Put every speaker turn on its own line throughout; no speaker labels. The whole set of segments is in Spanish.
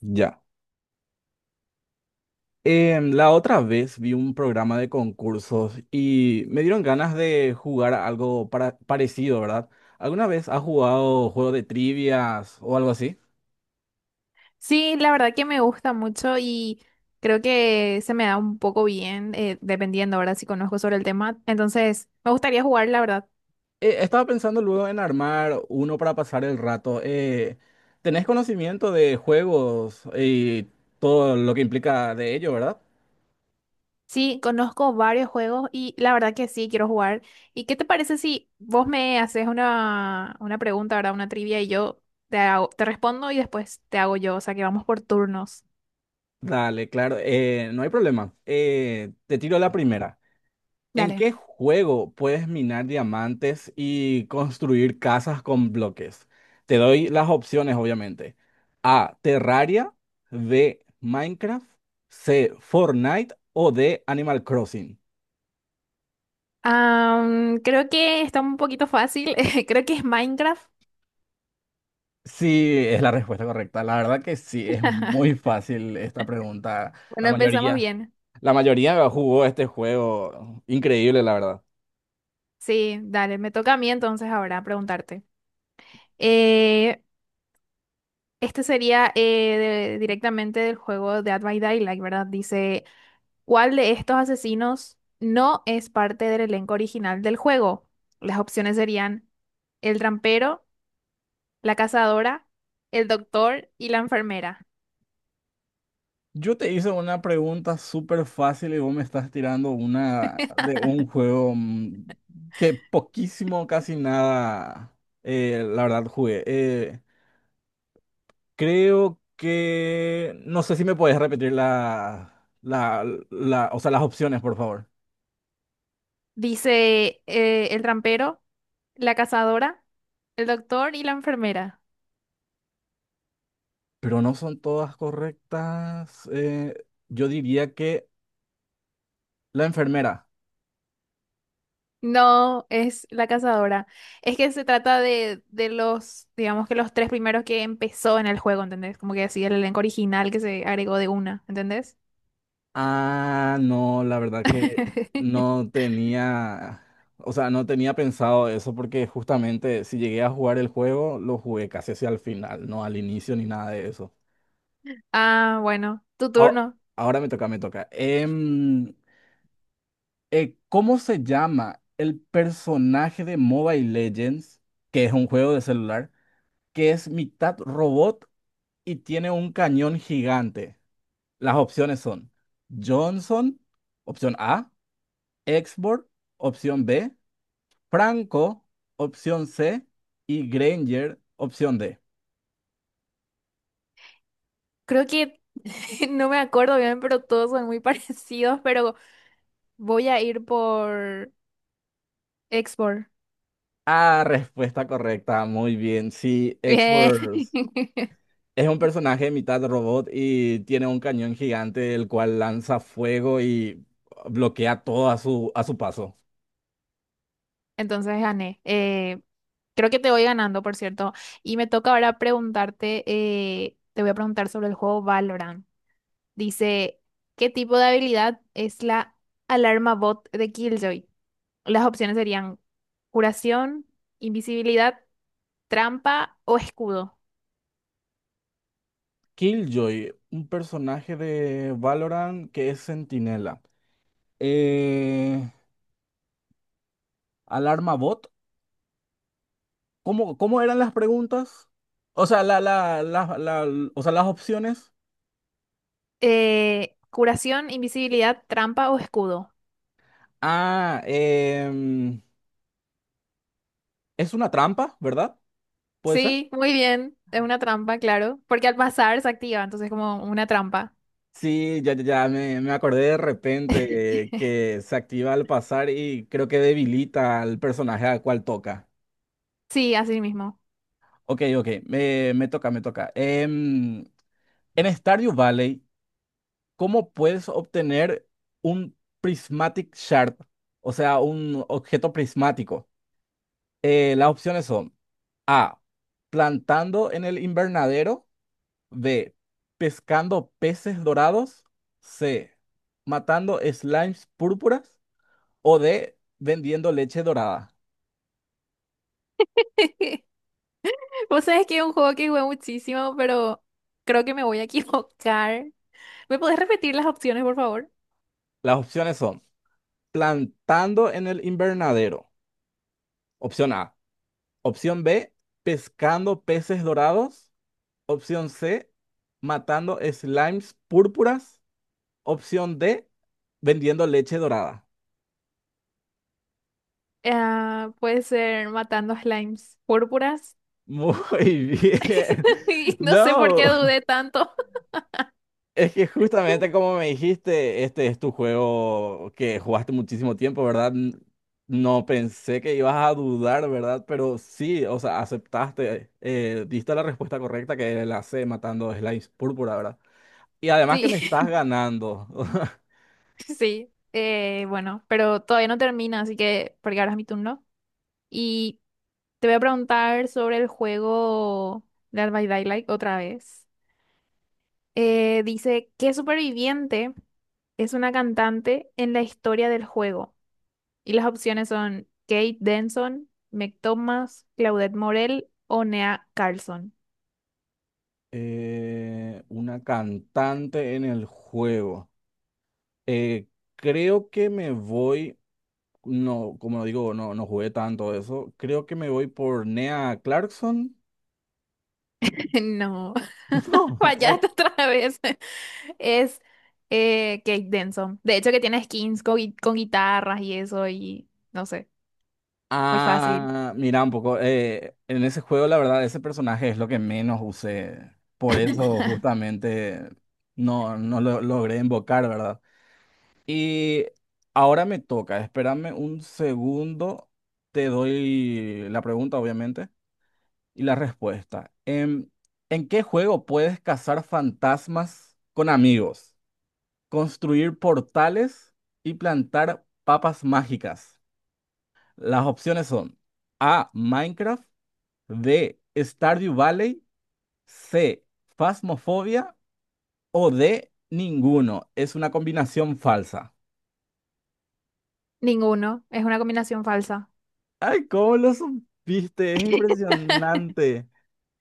Ya. La otra vez vi un programa de concursos y me dieron ganas de jugar a algo parecido, ¿verdad? ¿Alguna vez has jugado juego de trivias o algo así?
Sí, la verdad que me gusta mucho y creo que se me da un poco bien, dependiendo, ¿verdad? Si conozco sobre el tema. Entonces, me gustaría jugar, la verdad.
Estaba pensando luego en armar uno para pasar el rato. ¿Tenés conocimiento de juegos y todo lo que implica de ello, ¿verdad?
Sí, conozco varios juegos y la verdad que sí, quiero jugar. ¿Y qué te parece si vos me haces una pregunta, ¿verdad? Una trivia y yo te respondo y después te hago yo. O sea, que vamos por turnos.
Dale, claro, no hay problema. Te tiro la primera. ¿En
Dale.
qué juego puedes minar diamantes y construir casas con bloques? Te doy las opciones, obviamente. A. Terraria. B. Minecraft. C. Fortnite. O D. Animal Crossing.
Creo que está un poquito fácil. Creo que es Minecraft.
Sí, es la respuesta correcta. La verdad que sí, es muy fácil esta pregunta. La
Bueno, empezamos
mayoría.
bien.
La mayoría jugó este juego. Increíble, la verdad.
Sí, dale, me toca a mí entonces ahora preguntarte. Eh, este sería directamente del juego Dead by Daylight, ¿verdad? Dice, ¿cuál de estos asesinos no es parte del elenco original del juego? Las opciones serían el trampero, la cazadora, el doctor y la enfermera.
Yo te hice una pregunta súper fácil y vos me estás tirando una de un juego que poquísimo, casi nada, la verdad, jugué. Creo que... No sé si me podés repetir o sea, las opciones, por favor.
Dice el trampero, la cazadora, el doctor y la enfermera.
Pero no son todas correctas. Yo diría que la enfermera.
No, es La Cazadora. Es que se trata de, los, digamos que los tres primeros que empezó en el juego, ¿entendés? Como que así el elenco original que se agregó de una, ¿entendés?
Ah, no, la verdad que no tenía, o sea, no tenía pensado eso porque justamente si llegué a jugar el juego, lo jugué casi hacia el final, no al inicio ni nada de eso.
Ah, bueno, tu
Ah,
turno.
ahora me toca. ¿Cómo se llama el personaje de Mobile Legends, que es un juego de celular, que es mitad robot y tiene un cañón gigante? Las opciones son Johnson, opción A. Export, opción B, Franco, opción C y Granger, opción D.
Creo que no me acuerdo bien, pero todos son muy parecidos, pero voy a ir por Export.
Ah, respuesta correcta, muy bien. Sí,
Bien.
Export es un personaje mitad robot y tiene un cañón gigante el cual lanza fuego y bloquea todo a a su paso.
Entonces gané. Creo que te voy ganando, por cierto. Y me toca ahora preguntarte, te voy a preguntar sobre el juego Valorant. Dice, ¿qué tipo de habilidad es la alarma bot de Killjoy? Las opciones serían curación, invisibilidad, trampa o escudo.
Killjoy, un personaje de Valorant que es centinela. Eh, Alarma Bot. ¿Cómo eran las preguntas? O sea, o sea, las opciones.
Curación, invisibilidad, trampa o escudo.
Ah, es una trampa, ¿verdad? ¿Puede ser?
Sí, muy bien. Es una trampa, claro. Porque al pasar se activa, entonces como una trampa.
Sí, ya me acordé de repente, que se activa al pasar y creo que debilita al personaje al cual toca.
Sí, así mismo.
Ok, ok, me toca. En Stardew Valley, ¿cómo puedes obtener un prismatic shard? O sea, un objeto prismático. Las opciones son... A. Plantando en el invernadero. B. Pescando peces dorados. C. Matando slimes púrpuras. O D. Vendiendo leche dorada.
Vos sabés que es un juego que jugué muchísimo, pero creo que me voy a equivocar. ¿Me podés repetir las opciones, por favor?
Las opciones son plantando en el invernadero. Opción A. Opción B. Pescando peces dorados. Opción C. Matando slimes púrpuras. Opción D. Vendiendo leche dorada.
Ah, puede ser matando slimes púrpuras.
Muy bien.
Y no sé por qué
No.
dudé tanto.
Es que justamente como me dijiste, este es tu juego que jugaste muchísimo tiempo, ¿verdad? No pensé que ibas a dudar, ¿verdad? Pero sí, o sea, aceptaste, diste la respuesta correcta que era la C, matando a Slimes Púrpura, ¿verdad? Y además que me
Sí,
estás ganando.
sí. Bueno, pero todavía no termina, así que porque ahora es mi turno. Y te voy a preguntar sobre el juego Dead by Daylight otra vez. Dice, ¿qué superviviente es una cantante en la historia del juego? Y las opciones son Kate Denson, Meg Thomas, Claudette Morel o Nea Carlson.
Una cantante en el juego. Eh, Creo que no, como digo, no jugué tanto eso. Creo que me voy por Nea Clarkson.
No,
No,
fallaste otra vez. Es Kate Denson. De hecho, que tiene skins con, con guitarras y eso, y no sé, muy fácil.
ah, mira, un poco. En ese juego, la verdad, ese personaje es lo que menos usé. Por eso, justamente, no lo logré invocar, ¿verdad? Y ahora me toca. Espérame un segundo. Te doy la pregunta, obviamente, y la respuesta. ¿En qué juego puedes cazar fantasmas con amigos, construir portales y plantar papas mágicas? Las opciones son A. Minecraft. B, Stardew Valley, C, Phasmophobia o D, ninguno. Es una combinación falsa.
Ninguno, es una combinación falsa.
Ay, ¿cómo lo supiste? Es impresionante.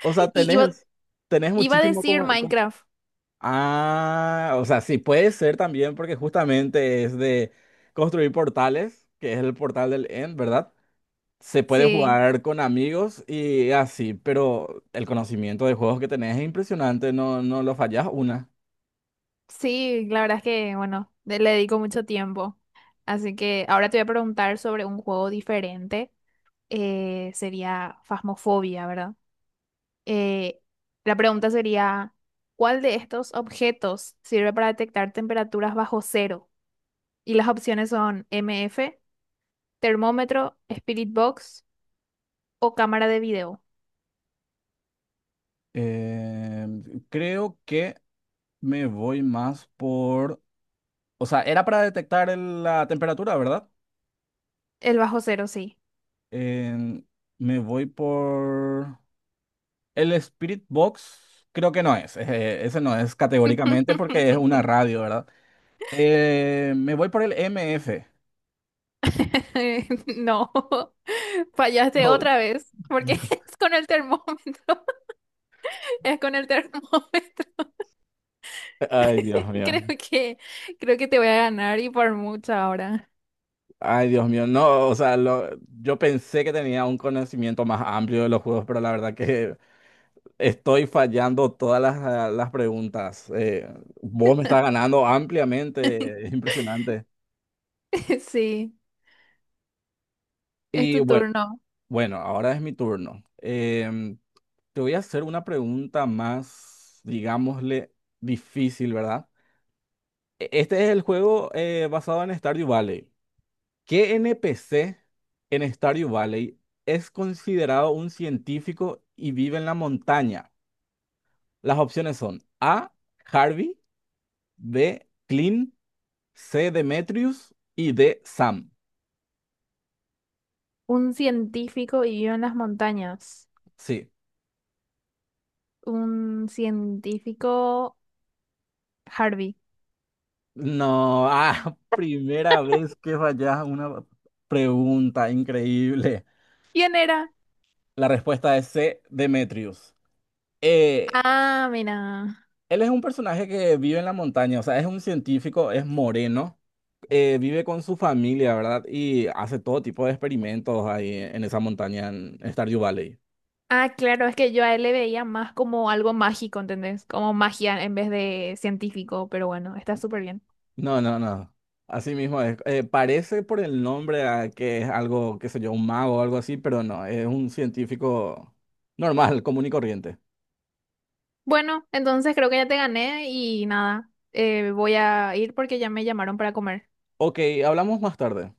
O sea,
Y
tenés
iba a
muchísimo
decir
como...
Minecraft.
Ah, o sea, sí, puede ser también porque justamente es de construir portales, que es el portal del End, ¿verdad? Se puede
Sí,
jugar con amigos y así, pero el conocimiento de juegos que tenés es impresionante, no, no lo fallás una.
sí, la verdad es que, bueno, le dedico mucho tiempo. Así que ahora te voy a preguntar sobre un juego diferente. Sería Phasmophobia, ¿verdad? Eh, la pregunta sería, ¿cuál de estos objetos sirve para detectar temperaturas bajo cero? Y las opciones son MF termómetro, Spirit Box o cámara de video.
Eh, Creo que me voy más por... O sea, era para detectar la temperatura, ¿verdad?
El bajo cero, sí.
En- Me voy por... El Spirit Box creo que no es. Ese no es categóricamente porque es una radio, ¿verdad? Me voy por el MF.
No, fallaste
No.
otra vez, porque es con el termómetro, es con el termómetro.
Ay, Dios mío.
Creo que, creo que te voy a ganar y por mucho ahora.
Ay, Dios mío. No, o sea, yo pensé que tenía un conocimiento más amplio de los juegos, pero la verdad que estoy fallando todas las, las preguntas. Vos me estás ganando ampliamente, es impresionante.
Sí, es
Y
tu
bueno,
turno.
bueno, ahora es mi turno. Te voy a hacer una pregunta más, digámosle, difícil, ¿verdad? Este es el juego, basado en Stardew Valley. ¿Qué NPC en Stardew Valley es considerado un científico y vive en la montaña? Las opciones son A, Harvey, B, Clint, C, Demetrius y D, Sam.
Un científico vivió en las montañas.
Sí.
Un científico Harvey.
No, ah, primera vez que fallas una pregunta increíble.
¿Quién era?
La respuesta es C, Demetrius. Eh,
Ah, mira.
Él es un personaje que vive en la montaña, o sea, es un científico, es moreno, vive con su familia, ¿verdad? Y hace todo tipo de experimentos ahí en esa montaña en Stardew Valley.
Ah, claro, es que yo a él le veía más como algo mágico, ¿entendés? Como magia en vez de científico, pero bueno, está súper bien.
No, no, no. Así mismo es. Parece por el nombre a que es algo, qué sé yo, un mago o algo así, pero no, es un científico normal, común y corriente.
Bueno, entonces creo que ya te gané y nada, voy a ir porque ya me llamaron para comer.
Ok, hablamos más tarde.